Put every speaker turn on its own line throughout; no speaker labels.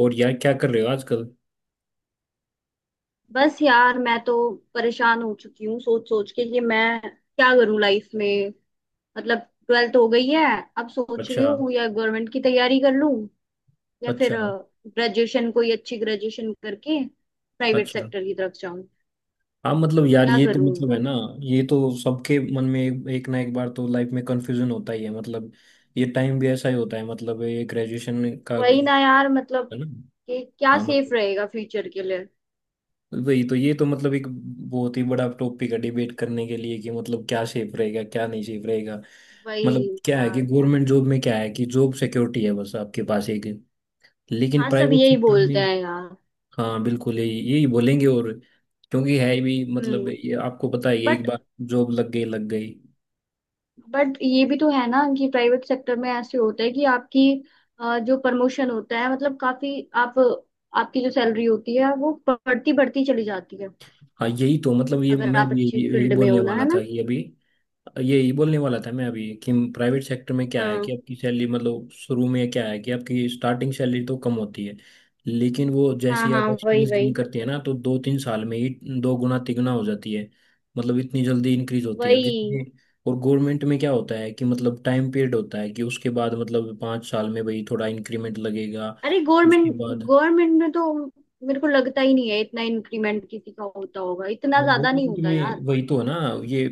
और यार क्या कर रहे हो आजकल?
बस यार मैं तो परेशान हो चुकी हूँ सोच सोच के कि मैं क्या करूँ लाइफ में। मतलब, ट्वेल्थ हो गई है। अब सोच रही
अच्छा।
हूँ या गवर्नमेंट की तैयारी कर लूँ या
अच्छा।
फिर ग्रेजुएशन कोई अच्छी ग्रेजुएशन करके प्राइवेट
अच्छा।
सेक्टर की तरफ जाऊँ।
हाँ, मतलब यार
क्या
ये तो
करूँ
मतलब है
ना।
ना। ये तो सबके मन में एक ना एक बार तो लाइफ में कंफ्यूजन होता ही है, मतलब ये टाइम भी ऐसा ही होता है, मतलब ये ग्रेजुएशन का
वही ना
है
यार, मतलब
ना।
कि क्या
हाँ
सेफ
मतलब,
रहेगा फ्यूचर के लिए।
वही तो, ये तो मतलब एक बहुत ही बड़ा टॉपिक है डिबेट करने के लिए कि मतलब क्या सेफ रहेगा क्या नहीं सेफ रहेगा।
वही
मतलब क्या है कि
यार।
गवर्नमेंट जॉब में क्या है कि जॉब सिक्योरिटी है, बस आपके पास एक, लेकिन
हाँ, सब
प्राइवेट
यही
सेक्टर में।
बोलते हैं यार।
हाँ बिल्कुल यही यही बोलेंगे, और क्योंकि है भी, मतलब
हम्म।
ये आपको पता ही है एक
बट
बार जॉब लग गई लग गई।
बट ये भी तो है ना कि प्राइवेट सेक्टर में ऐसे होता है कि आपकी जो प्रमोशन होता है, मतलब काफी। आप आपकी जो सैलरी होती है वो बढ़ती बढ़ती चली जाती है,
हाँ यही तो मतलब, ये
अगर
मैं
आप
भी
अच्छी
यही यही
फील्ड में
बोलने
हो ना,
वाला
है
था
ना।
कि अभी, यही बोलने वाला था मैं अभी, कि प्राइवेट सेक्टर में क्या है
हाँ
कि आपकी सैलरी, मतलब शुरू में क्या है कि आपकी स्टार्टिंग सैलरी तो कम होती है, लेकिन वो जैसे
हाँ
ही
हाँ,
आप
वही
एक्सपीरियंस गेन
वही
करते हैं ना तो 2-3 साल में ही दो गुना तिगुना हो जाती है, मतलब इतनी जल्दी इंक्रीज होती है
वही।
जितनी। और गवर्नमेंट में क्या होता है कि मतलब टाइम पीरियड होता है कि उसके बाद मतलब 5 साल में भाई थोड़ा इंक्रीमेंट लगेगा
अरे,
उसके
गवर्नमेंट
बाद।
गवर्नमेंट में तो मेरे को लगता ही नहीं है इतना इंक्रीमेंट किसी का होता होगा, इतना
हाँ
ज्यादा नहीं
गवर्नमेंट
होता
में
यार।
वही तो है ना। ये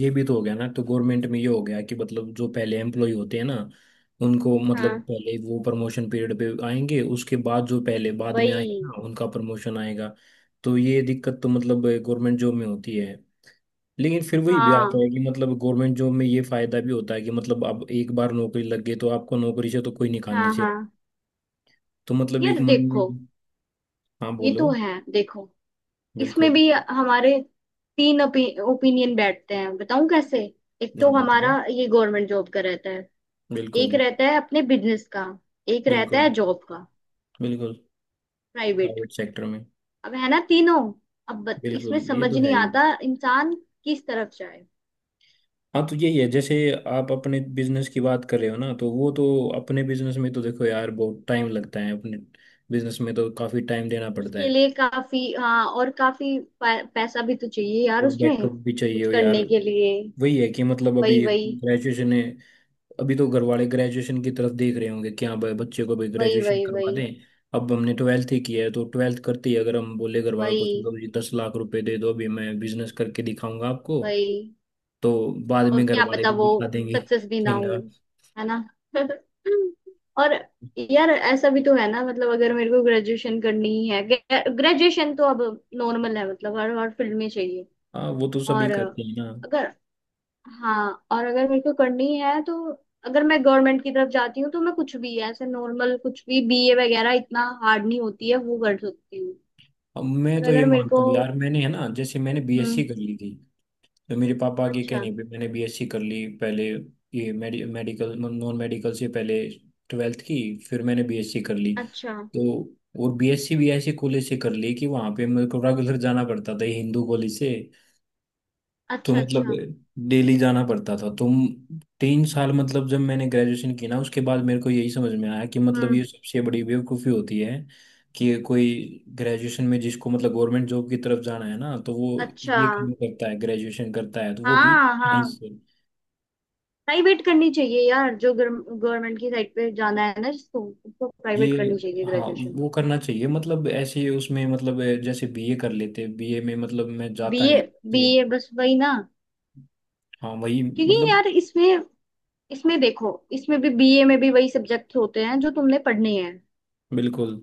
ये भी तो हो गया ना, तो गवर्नमेंट में ये हो गया कि मतलब जो पहले एम्प्लॉय होते हैं ना उनको मतलब
हाँ
पहले वो प्रमोशन पीरियड पे आएंगे, उसके बाद जो पहले बाद में आए
वही।
हैं ना उनका प्रमोशन आएगा। तो ये दिक्कत तो मतलब गवर्नमेंट जॉब में होती है, लेकिन फिर वही भी आता
हाँ
है कि मतलब गवर्नमेंट जॉब में ये फायदा भी होता है कि मतलब अब एक बार नौकरी लग गई तो आपको नौकरी से तो कोई निकालने
हाँ
से,
हाँ।
तो मतलब
यार
एक मन में।
देखो,
हाँ
ये
बोलो।
तो है, देखो। इसमें
बिल्कुल।
भी हमारे तीन ओपिनियन बैठते हैं, बताऊं कैसे। एक तो
हाँ
हमारा
बताओ।
ये गवर्नमेंट जॉब का रहता है। एक
बिल्कुल।
रहता है अपने बिजनेस का। एक रहता
बिल्कुल।
है जॉब का,
बिल्कुल।
प्राइवेट।
प्राइवेट सेक्टर में।
अब है ना तीनों। अब इसमें
बिल्कुल ये
समझ
तो है
नहीं
ही।
आता इंसान किस तरफ जाए।
हाँ तो यही है, जैसे आप अपने बिजनेस की बात कर रहे हो ना तो वो तो, अपने बिजनेस में तो देखो यार बहुत टाइम लगता है, अपने बिजनेस में तो काफी टाइम देना पड़ता
उसके
है
लिए काफी, हाँ, और काफी पैसा भी तो चाहिए यार
और
उसमें
बैकअप भी चाहिए
कुछ
हो यार।
करने के लिए।
वही है कि मतलब अभी
वही वही
ग्रेजुएशन है, अभी तो घर वाले ग्रेजुएशन की तरफ देख रहे होंगे कि हाँ भाई बच्चे को भी
वही
ग्रेजुएशन
वही
करवा
वही
दें। अब हमने ट्वेल्थ ही किया है तो ट्वेल्थ करते ही अगर हम बोले घर वालों को
वही
चलो जी 10 लाख रुपए दे दो अभी मैं बिजनेस करके दिखाऊंगा आपको,
वही।
तो बाद में
और
घर
क्या
वाले
पता
भी
वो
दिखा देंगे
सक्सेस भी ना
झींगा।
हो, है ना। और यार, ऐसा भी तो है ना, मतलब अगर मेरे को ग्रेजुएशन करनी ही है। ग्रेजुएशन तो अब नॉर्मल है, मतलब हर हर फील्ड में चाहिए।
हाँ वो तो सभी
और
करते हैं ना।
अगर, हाँ, और अगर मेरे को करनी है तो अगर मैं गवर्नमेंट की तरफ जाती हूँ तो मैं कुछ भी ऐसे नॉर्मल, कुछ भी बीए वगैरह, इतना हार्ड नहीं होती है वो, कर सकती हूँ।
अब मैं
और
तो ये
अगर मेरे को।
मानता हूँ यार, मैंने, है ना, जैसे मैंने बीएससी
हम्म।
कर ली थी, तो मेरे पापा के
अच्छा
कहने पे मैंने बीएससी कर ली पहले। ये मेडिकल नॉन मेडिकल से पहले ट्वेल्थ की, फिर मैंने बीएससी कर ली
अच्छा
तो। और बीएससी भी ऐसे कॉलेज से कर ली कि वहाँ पे मेरे को रेगुलर जाना पड़ता था, ये हिंदू कॉलेज से, तो
अच्छा
मतलब
अच्छा।
डेली जाना पड़ता था, तो 3 साल, मतलब जब मैंने ग्रेजुएशन की ना उसके बाद मेरे को यही समझ में आया कि मतलब
हम्म।
ये सबसे बड़ी बेवकूफ़ी होती है कि कोई ग्रेजुएशन में, जिसको मतलब गवर्नमेंट जॉब की तरफ जाना है ना तो वो
अच्छा।
ये काम करता है, ग्रेजुएशन करता है तो वो भी
हाँ हाँ।
साइंस से।
प्राइवेट करनी चाहिए यार, जो गवर्नमेंट की साइड पे जाना है ना, जिसको, उसको
ये,
प्राइवेट करनी चाहिए
हाँ
ग्रेजुएशन।
वो करना चाहिए, मतलब ऐसे उसमें, मतलब जैसे बीए कर लेते, बीए में मतलब मैं जाता
बीए
नहीं। ये,
बीए बस वही ना।
हाँ वही
क्योंकि
मतलब।
यार इसमें इसमें देखो, इसमें भी बीए में भी वही सब्जेक्ट होते हैं जो तुमने पढ़ने हैं,
बिल्कुल।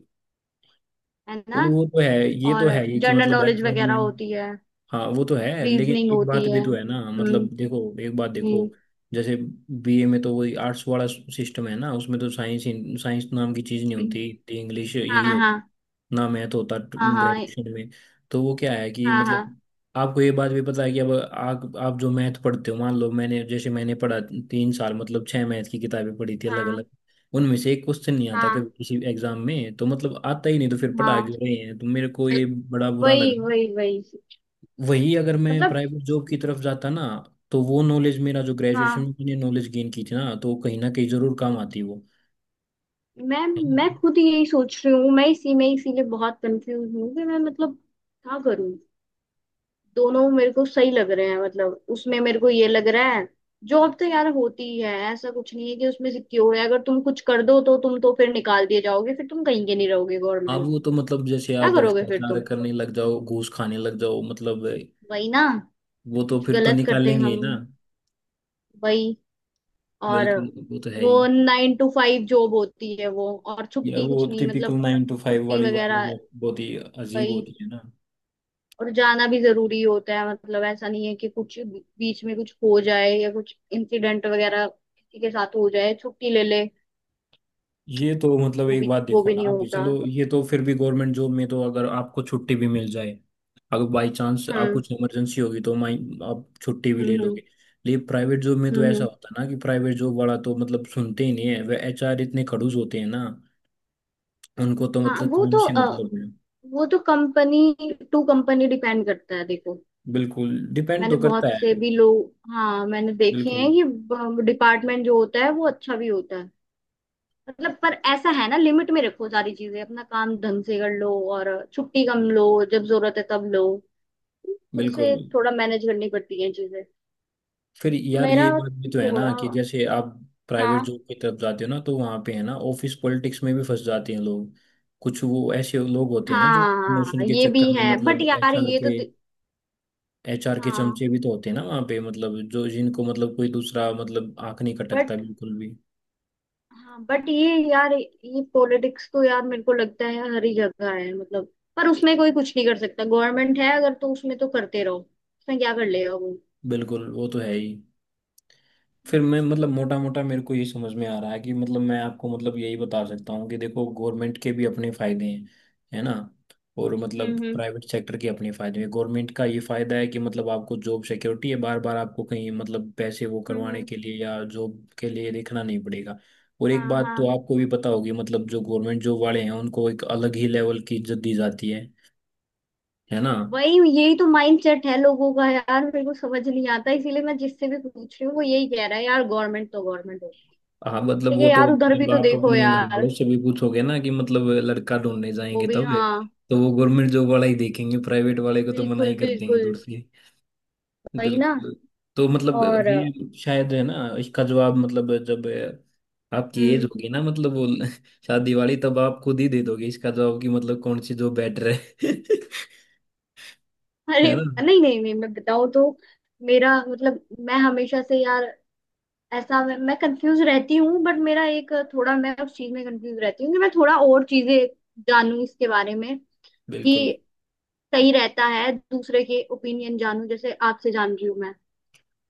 है
और
ना।
वो तो है, ये
और
तो है, ये कि
जनरल
मतलब
नॉलेज
एग्जाम
वगैरह
में।
होती है।
हाँ वो तो है, लेकिन
रीजनिंग
एक बात
होती
भी
है।
तो है ना
हम्म।
मतलब, देखो एक बात देखो,
हम्म।
जैसे बीए में तो वही आर्ट्स वाला सिस्टम है ना, उसमें तो साइंस, साइंस नाम की चीज नहीं होती, इंग्लिश
हाँ
यही हो
हाँ
ना, मैथ होता
हाँ हाँ
ग्रेजुएशन में। तो वो क्या है कि
हाँ हाँ
मतलब आपको ये बात भी पता है कि अब आप जो मैथ पढ़ते हो, मान लो, मैंने, जैसे मैंने पढ़ा 3 साल, मतलब 6 मैथ की किताबें पढ़ी थी अलग
हाँ
अलग, उनमें से एक क्वेश्चन नहीं आता
हाँ
कभी किसी एग्जाम में, तो मतलब आता ही नहीं, तो फिर पढ़ा
हाँ,
क्यों रहे हैं, तो मेरे को ये बड़ा बुरा
वही
लगा।
वही वही,
वही अगर मैं
मतलब
प्राइवेट जॉब की तरफ जाता ना, तो वो नॉलेज मेरा जो ग्रेजुएशन
हाँ।
में मैंने नॉलेज गेन की थी ना तो वो कहीं ना कहीं जरूर काम आती वो,
मैं
है ना?
मैं खुद यही सोच रही हूँ। मैं इसी में इसीलिए बहुत कंफ्यूज हूँ कि मैं, मतलब क्या करूँ। दोनों मेरे को सही लग रहे हैं, मतलब उसमें मेरे को ये लग रहा है। जॉब तो यार होती है, ऐसा कुछ नहीं है कि उसमें सिक्योर है, अगर तुम कुछ कर दो तो तुम तो फिर निकाल दिए जाओगे, फिर तुम कहीं के नहीं रहोगे
अब
गवर्नमेंट।
वो तो मतलब जैसे
क्या
आप
करोगे फिर
भ्रष्टाचार
तुम।
करने लग जाओ, घूस खाने लग जाओ, मतलब
वही ना।
वो तो
कुछ
फिर तो
गलत करते हैं
निकालेंगे ही ना।
हम। वही। और
बिल्कुल वो तो है ही।
वो नाइन टू फाइव जॉब होती है वो, और
या
छुट्टी
वो
कुछ नहीं,
टिपिकल
मतलब।
9 टू 5
छुट्टी
वाली
वगैरह,
वाइफ बहुत ही अजीब
वही।
होती है ना।
और जाना भी जरूरी होता है, मतलब ऐसा नहीं है कि कुछ बीच में कुछ हो जाए या कुछ इंसिडेंट वगैरह किसी के साथ हो जाए छुट्टी ले ले।
ये तो मतलब
वो
एक
भी
बात
वो
देखो
भी
ना,
नहीं
आप
होता।
चलो ये तो फिर भी गवर्नमेंट जॉब में तो अगर आपको छुट्टी भी मिल जाए, अगर बाई चांस आप
हम्म
कुछ इमरजेंसी होगी तो माई, आप छुट्टी भी ले
हम्म हम्म
लोगे। लेकिन प्राइवेट जॉब में तो
हम्म
ऐसा
हम्म।
होता है ना कि प्राइवेट जॉब वाला तो मतलब सुनते ही नहीं है, वे एचआर इतने खड़ूस होते हैं ना, उनको तो
हाँ,
मतलब
वो
काम
तो
से
अ,
मतलब है।
वो तो कंपनी टू कंपनी डिपेंड करता है देखो।
बिल्कुल डिपेंड
मैंने
तो करता
बहुत से
है।
भी लोग, हाँ, मैंने देखे
बिल्कुल।
हैं कि डिपार्टमेंट जो होता है वो अच्छा भी होता है। मतलब पर ऐसा है ना, लिमिट में रखो सारी चीजें, अपना काम ढंग से कर लो और छुट्टी कम लो। जब जरूरत है तब लो। खुद
बिल्कुल।
से थोड़ा मैनेज करनी पड़ती है चीजें।
फिर यार ये
मेरा
बात भी तो है ना
थोड़ा,
कि जैसे आप
हाँ।
प्राइवेट
हाँ
जॉब की तरफ जाते हो ना, तो वहाँ पे है ना, ऑफिस पॉलिटिक्स में भी फंस जाते हैं लोग, कुछ वो ऐसे लोग होते हैं ना जो
हाँ,
प्रमोशन के
ये
चक्कर
भी
में
है, बट
मतलब
यार
एचआर
ये तो
के,
दि-
एचआर के
हाँ
चमचे भी तो होते हैं ना वहाँ पे, मतलब जो जिनको मतलब कोई दूसरा मतलब आंख नहीं खटकता
बट
बिल्कुल भी।
हाँ बट ये यार, ये पॉलिटिक्स तो यार मेरे को लगता है हर ही जगह है, मतलब पर उसमें कोई कुछ नहीं कर सकता, गवर्नमेंट है अगर तो उसमें तो करते रहो, उसमें क्या कर लेगा वो।
बिल्कुल वो तो है ही। फिर मैं मतलब मोटा मोटा मेरे को ये समझ में आ रहा है कि मतलब मैं आपको मतलब यही बता सकता हूँ कि देखो गवर्नमेंट के भी अपने फायदे हैं है ना, और मतलब
हम्म हम्म
प्राइवेट सेक्टर के अपने फायदे हैं। गवर्नमेंट का ये फायदा है कि मतलब आपको जॉब सिक्योरिटी है, बार बार आपको कहीं मतलब पैसे वो करवाने
हम्म,
के लिए या जॉब के लिए देखना नहीं पड़ेगा। और एक
हाँ
बात
हाँ।
तो आपको भी पता होगी, मतलब जो गवर्नमेंट जॉब वाले हैं उनको एक अलग ही लेवल की इज्जत दी जाती है ना।
वही, यही तो माइंडसेट है लोगों का यार, मेरे को समझ नहीं आता, इसीलिए मैं जिससे भी पूछ रही हूँ वो यही कह रहा है यार, गवर्नमेंट तो गवर्नमेंट होती
हाँ मतलब
है।
वो
ये
तो
यार, उधर भी
मतलब,
तो
आप
देखो
अपने घर वालों
यार।
से भी पूछोगे ना कि मतलब लड़का ढूंढने
वो
जाएंगे
भी,
तब
हाँ।
तो वो गवर्नमेंट जॉब वाला ही देखेंगे, प्राइवेट वाले को तो मना
बिल्कुल
ही कर देंगे दूर
बिल्कुल।
से।
वही ना।
बिल्कुल। तो मतलब
और।
ये शायद है ना इसका जवाब, मतलब जब आपकी एज
हम्म।
होगी ना मतलब वो शादी वाली, तब आप खुद ही दे दोगे इसका जवाब कि मतलब कौन सी जॉब बेटर है है
अरे,
ना।
नहीं नहीं नहीं, मैं बताऊँ तो। मेरा मतलब मैं हमेशा से यार ऐसा, मैं कंफ्यूज रहती हूँ, बट मेरा एक थोड़ा, मैं उस चीज में कंफ्यूज रहती हूँ कि मैं थोड़ा और चीजें जानूं इसके बारे में।
बिल्कुल।
कि सही रहता है दूसरे के ओपिनियन जानूं, जैसे आपसे जान रही हूँ मैं।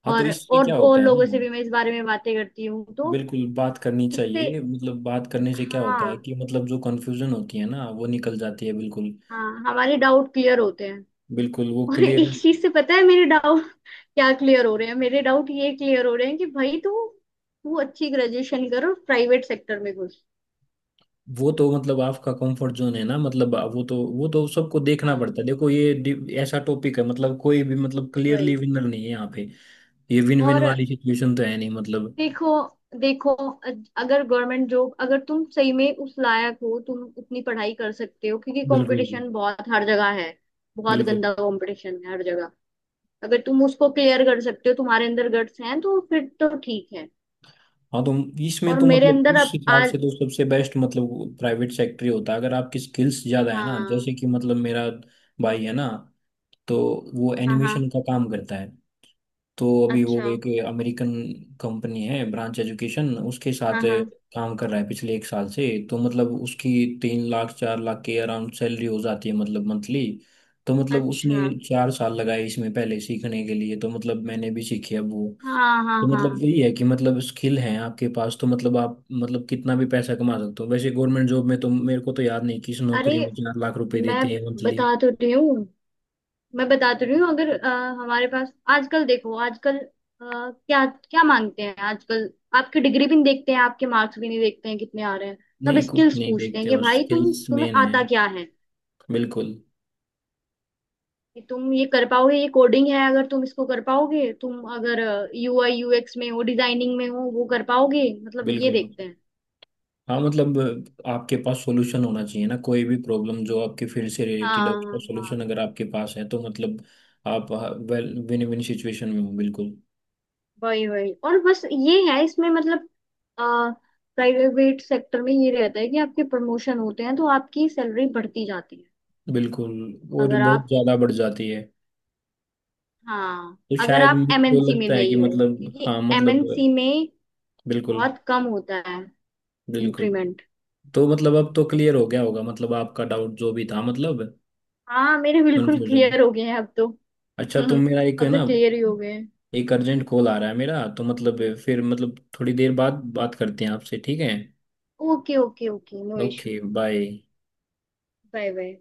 हाँ तो
और
इससे
और
क्या
और
होता है
लोगों
ना,
से भी मैं इस बारे में बातें करती हूँ तो
बिल्कुल बात करनी
इससे।
चाहिए, मतलब बात करने से क्या होता है
हाँ
कि मतलब जो कंफ्यूजन होती है ना वो निकल जाती है। बिल्कुल।
हाँ, हमारे डाउट क्लियर होते हैं।
बिल्कुल वो
और
क्लियर।
इस चीज से पता है मेरे डाउट क्या क्लियर हो रहे हैं, मेरे डाउट ये क्लियर हो रहे हैं कि भाई तू तू अच्छी ग्रेजुएशन कर और प्राइवेट सेक्टर में घुस।
वो तो मतलब आपका कंफर्ट जोन है ना, मतलब वो तो सबको देखना
हाँ
पड़ता है। देखो ये ऐसा टॉपिक है, मतलब कोई भी मतलब
वही।
क्लियरली विनर नहीं है यहाँ पे, ये विन विन
और
वाली सिचुएशन तो है नहीं मतलब।
देखो, देखो, अगर गवर्नमेंट जॉब, अगर तुम सही में उस लायक हो, तुम उतनी पढ़ाई कर सकते हो, क्योंकि
बिल्कुल।
कंपटीशन बहुत हर जगह है। बहुत
बिल्कुल।
गंदा कंपटीशन है हर जगह। अगर तुम उसको क्लियर कर सकते हो, तुम्हारे अंदर गट्स हैं तो फिर तो ठीक है।
हाँ तो इसमें
और
तो
मेरे
मतलब
अंदर
उस
अब
हिसाब
आज।
से तो सबसे बेस्ट मतलब प्राइवेट सेक्टर ही होता है अगर आपकी स्किल्स ज्यादा है ना,
हाँ
जैसे कि मतलब मेरा भाई है ना, तो वो
हाँ हाँ।
एनिमेशन का काम करता है, तो अभी वो
अच्छा।
एक अमेरिकन कंपनी है ब्रांच एजुकेशन, उसके साथ
हाँ हाँ।
काम कर रहा है पिछले एक साल से, तो मतलब उसकी 3-4 लाख के अराउंड सैलरी हो जाती है मतलब मंथली। तो मतलब उसने
अच्छा।
4 साल लगाए इसमें पहले सीखने के लिए, तो मतलब मैंने भी सीखी अब वो।
हाँ हाँ
तो मतलब
हाँ।
यही है कि मतलब स्किल है आपके पास तो मतलब आप मतलब कितना भी पैसा कमा सकते हो वैसे, गवर्नमेंट जॉब में तो मेरे को तो याद नहीं किस
अरे,
नौकरी में 4 लाख रुपए
मैं
देते हैं मंथली।
बता तो रही हूँ। मैं बता तो रही हूँ, अगर हमारे पास आजकल, देखो आजकल क्या क्या मांगते हैं आजकल। आपकी डिग्री भी नहीं देखते हैं, आपके मार्क्स भी नहीं देखते हैं कितने आ रहे हैं। सब
नहीं कुछ
स्किल्स
नहीं
पूछते हैं
देखते,
कि
बस
भाई तुम
स्किल्स
तुम्हें
मेन है।
आता क्या है,
बिल्कुल।
कि तुम ये कर पाओगे, ये कोडिंग है अगर तुम इसको कर पाओगे, तुम अगर यूआई यूएक्स में हो, डिजाइनिंग में हो, वो कर पाओगे, मतलब ये
बिल्कुल।
देखते हैं।
हाँ मतलब आपके पास सॉल्यूशन होना चाहिए ना, कोई भी प्रॉब्लम जो आपके फील्ड से रिलेटेड है
हाँ
उसका सॉल्यूशन
हाँ,
अगर आपके पास है तो मतलब आप वेल विन विन सिचुएशन में हो बिल्कुल।
वही वही। और बस ये है इसमें, मतलब प्राइवेट सेक्टर में ये रहता है कि आपके प्रमोशन होते हैं तो आपकी सैलरी बढ़ती जाती है,
बिल्कुल। और
अगर
बहुत
आप,
ज़्यादा बढ़ जाती है।
हाँ,
तो
अगर
शायद
आप
मुझको
एमएनसी में
लगता है कि
नहीं हो,
मतलब,
क्योंकि
हाँ मतलब।
एमएनसी में
बिल्कुल।
बहुत कम होता है
बिल्कुल।
इंक्रीमेंट।
तो मतलब अब तो क्लियर हो गया होगा मतलब आपका डाउट जो भी था, मतलब
हाँ, मेरे बिल्कुल
कंफ्यूजन।
क्लियर हो गए हैं अब तो।
अच्छा तो मेरा एक है
अब
ना,
तो क्लियर ही हो गए हैं।
एक अर्जेंट कॉल आ रहा है मेरा तो मतलब फिर मतलब थोड़ी देर बाद बात करते हैं आपसे, ठीक है?
Okay okay okay, no issue.
Okay bye.
Bye bye.